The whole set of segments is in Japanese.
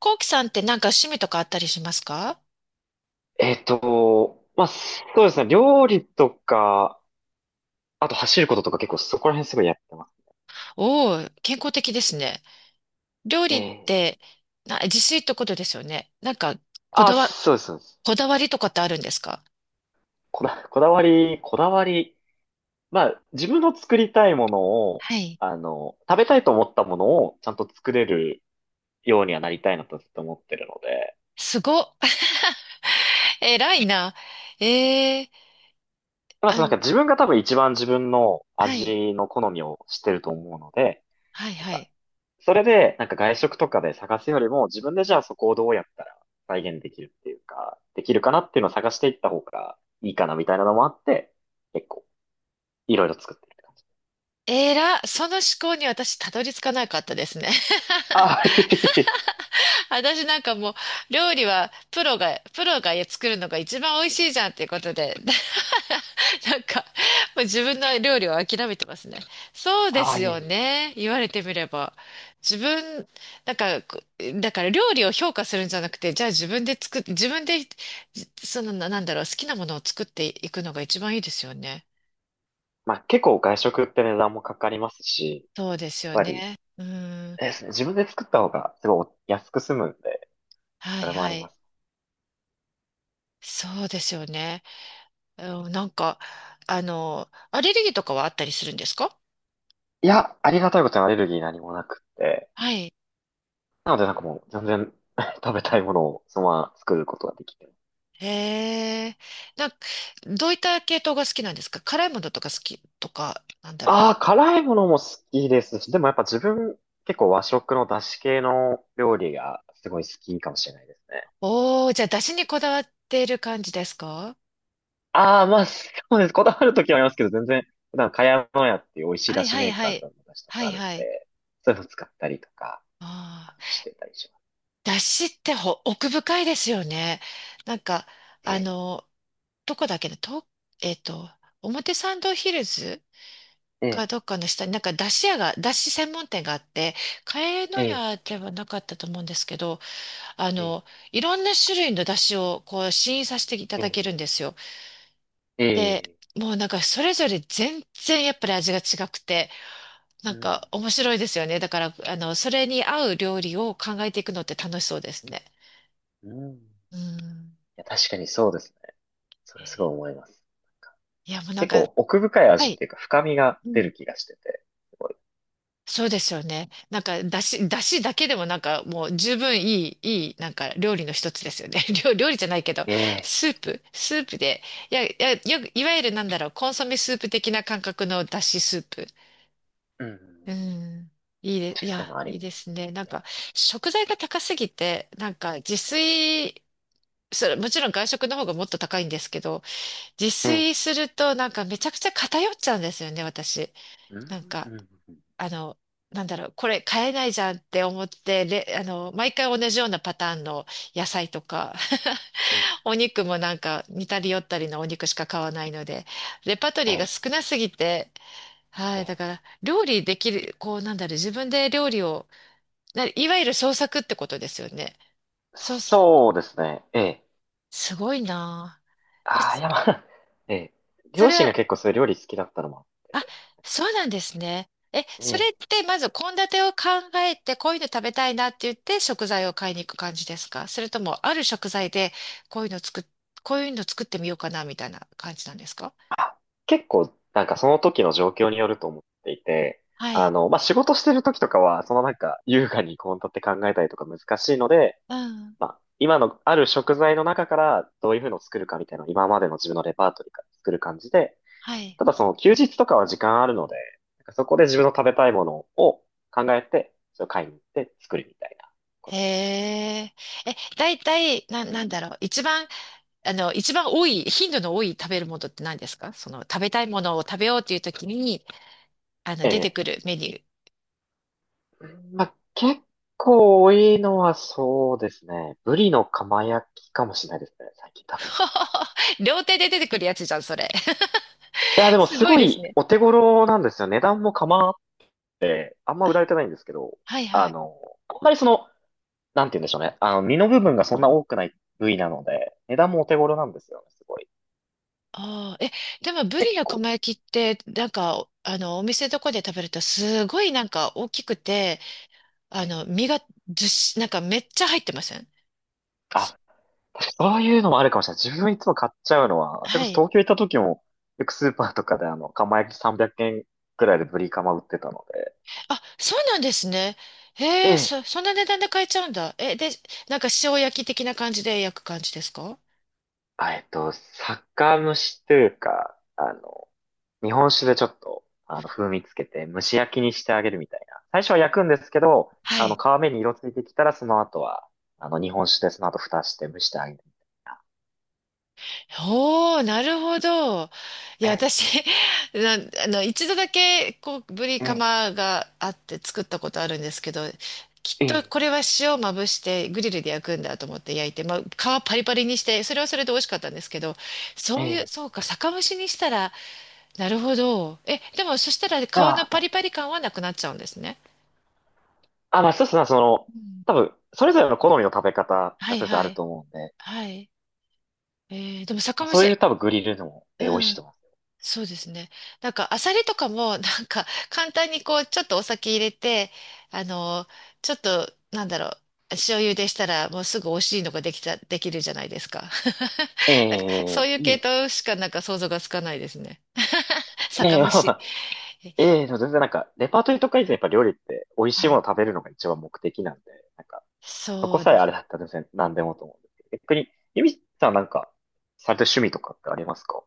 コウキさんってなんか趣味とかあったりしますか？まあ、そうですね。料理とか、あと走ることとか結構そこら辺すごいやってます。おおー、健康的ですね。料理っええ。て自炊ってことですよね。こだあ、わ、そうです、そうです。こだわりとかってあるんですか？こだわり。まあ、自分の作りたいものを、はい。食べたいと思ったものをちゃんと作れるようにはなりたいなとずっと思ってるので。すごっ。偉いな。えー、まあ、あん、自分が多分一番自分のはい、味の好みを知ってると思うので、なんはか、い。それで、外食とかで探すよりも、自分でじゃあそこをどうやったら再現できるっていうか、できるかなっていうのを探していった方がいいかなみたいなのもあって、結構、いろいろ作ってる。その思考に私たどり着かなかったですね。ああ、いえいえ。私なんかもう料理はプロが作るのが一番美味しいじゃんっていうことで。なんか、もう自分の料理を諦めてますね。そうでああ、すいえいよえ。ね。言われてみれば。自分、なんか、こだから料理を評価するんじゃなくて、じゃあ自分で、じその、なんだろう、好きなものを作っていくのが一番いいですよね。まあ結構外食って値段もかかりますし、そうでやすっよぱり、ね。うん。あれですね、自分で作った方がすごい安く済むんで、はそいれもあはりまい。す。そうですよね。うん、なんか、あの、アレルギーとかはあったりするんですか？いや、ありがたいことにアレルギー何もなくって、はい。なのでもう全然 食べたいものをそのまま作ることができて。へえ。なんか、どういった系統が好きなんですか？辛いものとか好きとか、なんだろう。ああ、辛いものも好きですし、でもやっぱ自分、結構和食の出汁系の料理がすごい好きかもしれないですね。おー、じゃあ、出汁にこだわっている感じですか？ああ、まあ、そうです。こだわるときはありますけど、全然、普段、かやのやっていう美味しいは出い汁はメいーはカーさい。んの出汁とはかいあるんはい。で、そういうの使ったりとかあしあ。てたりします。出汁って奥深いですよね。なんか、えあえ、の、どこだっけね、と、えっと、表参道ヒルズええ、かどっかの下に、出汁専門店があって、茅野え屋ではなかったと思うんですけど、あえ、の、いろんな種類の出汁をこう試飲させていたえだけるんえ、ですよ。えで、え、もうなんかそれぞれ全然やっぱり味が違くて、なうんん、か面白いですよね。だから、あの、それに合う料理を考えていくのって楽しそうですね。うん。いうん。や、確かにそうですね。それすごい思います。なんかいや、もうなん結か、構奥深いは味っい。ていうか、深みがう出ん。る気がしてて、すごい。そうですよね。なんか、だしだけでもなんかもう十分いい、なんか料理の一つですよね。料理じゃないけど、ええ、スープで、よく、いわゆるなんだろう、コンソメスープ的な感覚のだしスープ。うん。うん。確かいにそういうや、のあるいよいね。ですね。食材が高すぎて、なんか自炊、それ、もちろん外食の方がもっと高いんですけど、自うん。炊するとなんかめちゃくちゃ偏っちゃうんですよね、私。うん、なんうか。ん、うん、あの、なんだろう、これ買えないじゃんって思って、あの、毎回同じようなパターンの野菜とか、うん。お肉もなんか似たり寄ったりのお肉しか買わないので、レパートえリーがえ、少なすぎて、はえい、だえ。から、料理できる、こう、なんだろう、自分で料理を、いわゆる創作ってことですよね。そう、すそうですね。ええ。すごいなぁ。ああ、いや、まあ、ええ。そ両れ親は、が結構そういう料理好きだったのもあっあ、そうなんですね。え、て、えそれっえ。てまず献立を考えて、こういうの食べたいなって言って食材を買いに行く感じですか？それとも、ある食材でこういうの作っ、こういうの作ってみようかなみたいな感じなんですか？あ、結構、その時の状況によると思っていて、はい。まあ、仕事してる時とかは、優雅に献立って考えたりとか難しいので、うん。まあ、今のある食材の中からどういうふうのを作るかみたいな、今までの自分のレパートリーから作る感じで、はい。ただその休日とかは時間あるので、そこで自分の食べたいものを考えて、それを買いに行って作るみたいなこへとやってます。え。え、だいたい、な、なんだろう。一番多い、頻度の多い食べるものって何ですか？その、食べたいものを食べようっていう時に、あの、え出てえ。くるメニュー。まあ、結構多いのはそうですね。ブリの釜焼きかもしれないですね。最近食べてるのは。両手で出てくるやつじゃん、それ。いや、でもすすごいごですいね。お手頃なんですよ。値段も構わって、あんま売られてないんですけど、はいあはい。の、あんまりその、なんて言うんでしょうね。身の部分がそんな多くない部位なので、値段もお手頃なんですよね。すごい。ああ、え、でもブリ結の構。釜焼きって、なんか、あの、お店とかで食べると、すごいなんか大きくて、あええ。の、身がずっし、なんかめっちゃ入ってません？すあ、そういうのもあるかもしれない。自分いつも買っちゃうのは、それはこそい。東京行った時も、よくスーパーとかで釜焼き300円くえんくらいでブリカマ売ってたのあ、そうなんですね。で、へえ、で、そんな値段で買えちゃうんだ。なんか塩焼き的な感じで焼く感じですか？酒蒸しというか、日本酒でちょっと、風味つけて蒸し焼きにしてあげるみたいな。最初は焼くんですけど、はい。皮目に色ついてきたら、その後は、日本酒でその後蓋して蒸してあげるみたいおー、なるほど。な。え、私、な、あの、一度だけ、こう、ぶりカえ、マがあって作ったことあるんですけど、きっとえ、これは塩をまぶしてグリルで焼くんだと思って焼いて、まあ、皮パリパリにして、それはそれで美味しかったんですけど、え、そういう、え、そうか、酒蒸しにしたら、なるほど。え、でもそしたら皮のパあリパリ感はなくなっちゃうんですね。あ、まあそうですね、うん。多分、それぞれの好みの食べ方はがいそれぞれあはるとい。思うんで、はい。えーでも酒まあ、蒸そういうし、多分グリルでも、美味うしいとん。思います。そうですね。なんか、アサリとかも、なんか、簡単にこう、ちょっとお酒入れて、あの、ちょっと、なんだろう、塩茹でしたら、もうすぐ美味しいのができた、できるじゃないですか。え なんか、え、そういういい系です統しか、なんか想像がつかないですね。ね。え酒え、蒸まあまし。あ、ええでも全然レパートリーとか以前やっぱ料理って美味しいはものい。を食べるのが一番目的なんで、なんか、そこそうさえであれす。だったら全然何でもと思うんですけど、逆に、ゆみさんされてる趣味とかってありますか？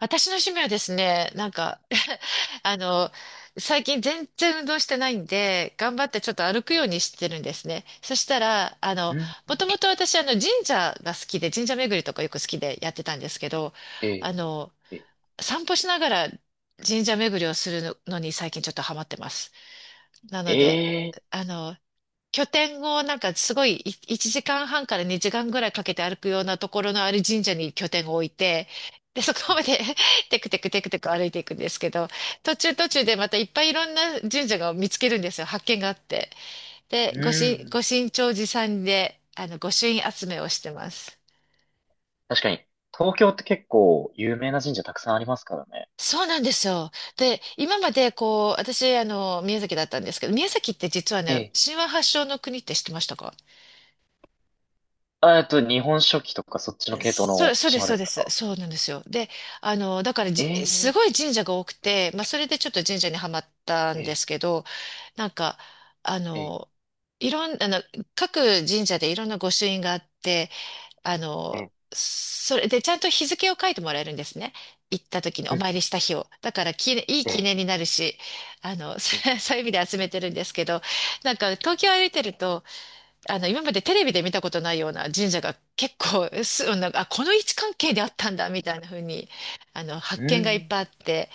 私の趣味はですね、なんか あの、最近全然運動してないんで、頑張ってちょっと歩くようにしてるんですね。そしたら、あうの、ん、もともと私、あの、神社が好きで、神社巡りとかよく好きでやってたんですけど、あえの、え、ええ、散歩しながら神社巡りをするのに最近ちょっとハマってます。なので、ええ、あの、拠点をなんかすごいい1時間半から2時間ぐらいかけて歩くようなところのある神社に拠点を置いて、で、そうこん。まで テクテクテクテク歩いていくんですけど、途中途中でまたいっぱいいろんな神社が見つけるんですよ。発見があって。で、うん、ご神長寺さんで、あの、御朱印集めをしてます。確かに、東京って結構有名な神社たくさんありますからね。そうなんですよ。で、今までこう、私、あの、宮崎だったんですけど、宮崎って実はえね、え。神話発祥の国って知ってましたか？あ、日本書紀とかそっちの系統そう、のそうです、島でそうすでか？す。そうなんですよ。で、あの、だからじ、すえ、ごえ、い神社が多くて、まあ、それでちょっと神社にはまったんでえ、すけど、なんか、あえ、え、の、いろん、あの、各神社でいろんな御朱印があって、あの、え、それでちゃんと日付を書いてもらえるんですね。行った時におえ、参りした日を。だからき、いいえ、記え、念になるし、あの、そういう意味で集めてるんですけど、なんか東京歩いてると、あの、今までテレビで見たことないような神社が結構、す、なんか、あ、この位置関係であったんだ、みたいな風に、あの、う発見がいっぱん、いあって、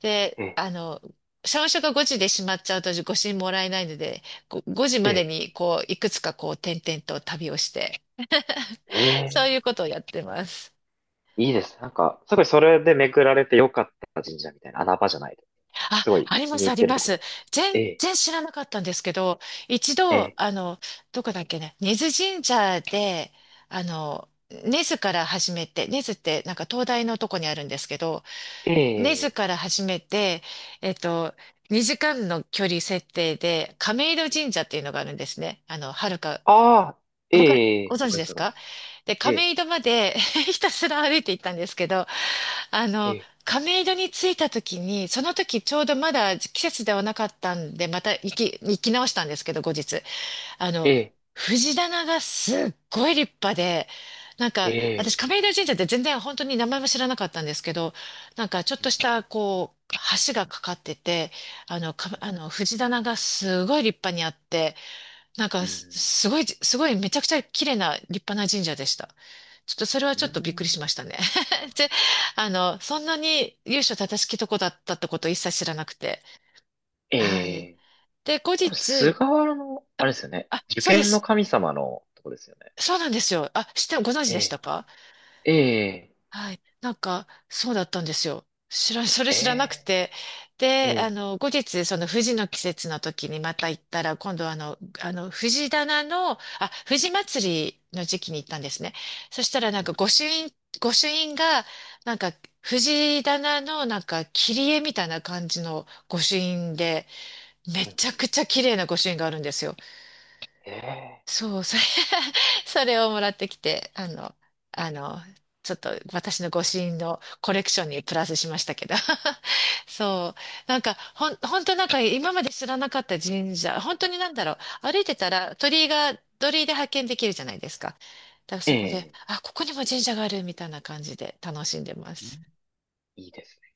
で、うん、えあの、社務所が5時で閉まっちゃうとご支もらえないので、5時まえ、でえに、こう、いくつかこう、点々と旅をして、え、そうええ、いうことをやってます。いいです。すごいそれで巡られてよかった神社みたいな穴場じゃないです。すごいあり気まにす、あ入っりてるまところす。があります。え全え、然知らなかったんですけど、一度、えあの、どこだっけね、根津神社で、あの、根津から始めて、根津ってなんか東大のとこにあるんですけど、え、根津ええ、から始めて、えっと、2時間の距離設定で、亀戸神社っていうのがあるんですね。あの、はるか、ああ、わかり、えごえ、わ存知かりでます、すわかりまか？す。で、ええ、亀戸まで ひたすら歩いて行ったんですけど、あえの、え、亀戸に着いた時に、その時ちょうどまだ季節ではなかったんで、また行き直したんですけど、後日。あの、え藤棚がすっごい立派で、なんえ、か、私ええ、亀戸神社って全然本当に名前も知らなかったんですけど、なんかちょっうとん、した、こう、橋がかかってて、あの、藤棚がすごい立派にあって、なんうかす、ん、すごい、すごい、めちゃくちゃ綺麗な立派な神社でした。ちょっとそれはうちょっとびっくりしまん、したね。で、あの、そんなに由緒正しきとこだったってことを一切知らなくて。えはい。え。で、後多分菅日、原の、あれですよね。あ、受そうで験のす。神様のとこですよね。そうなんですよ。ご存知でしえたか？え、ええ、はい。なんか、そうだったんですよ。それえ知らなくえ、て。うで、あん、の、後日、その藤の季節の時にまた行ったら、今度はあの、藤祭りの時期に行ったんですね。そしたらなんうか、ん、御朱印が、なんか、藤棚のなんか、切り絵みたいな感じの御朱印で、めうちゃん、くちゃ綺麗な御朱印があるんですよ。えそう、それ それをもらってきて、あの、ちょっと私の御朱印のコレクションにプラスしましたけど。そう。本当なんか今まで知らなかった神社、本当になんだろう。歩いてたら鳥居で発見できるじゃないですか。だからえ、えそこで、え、あ、ここにも神社があるみたいな感じで楽しんでまうん。す。いいですね。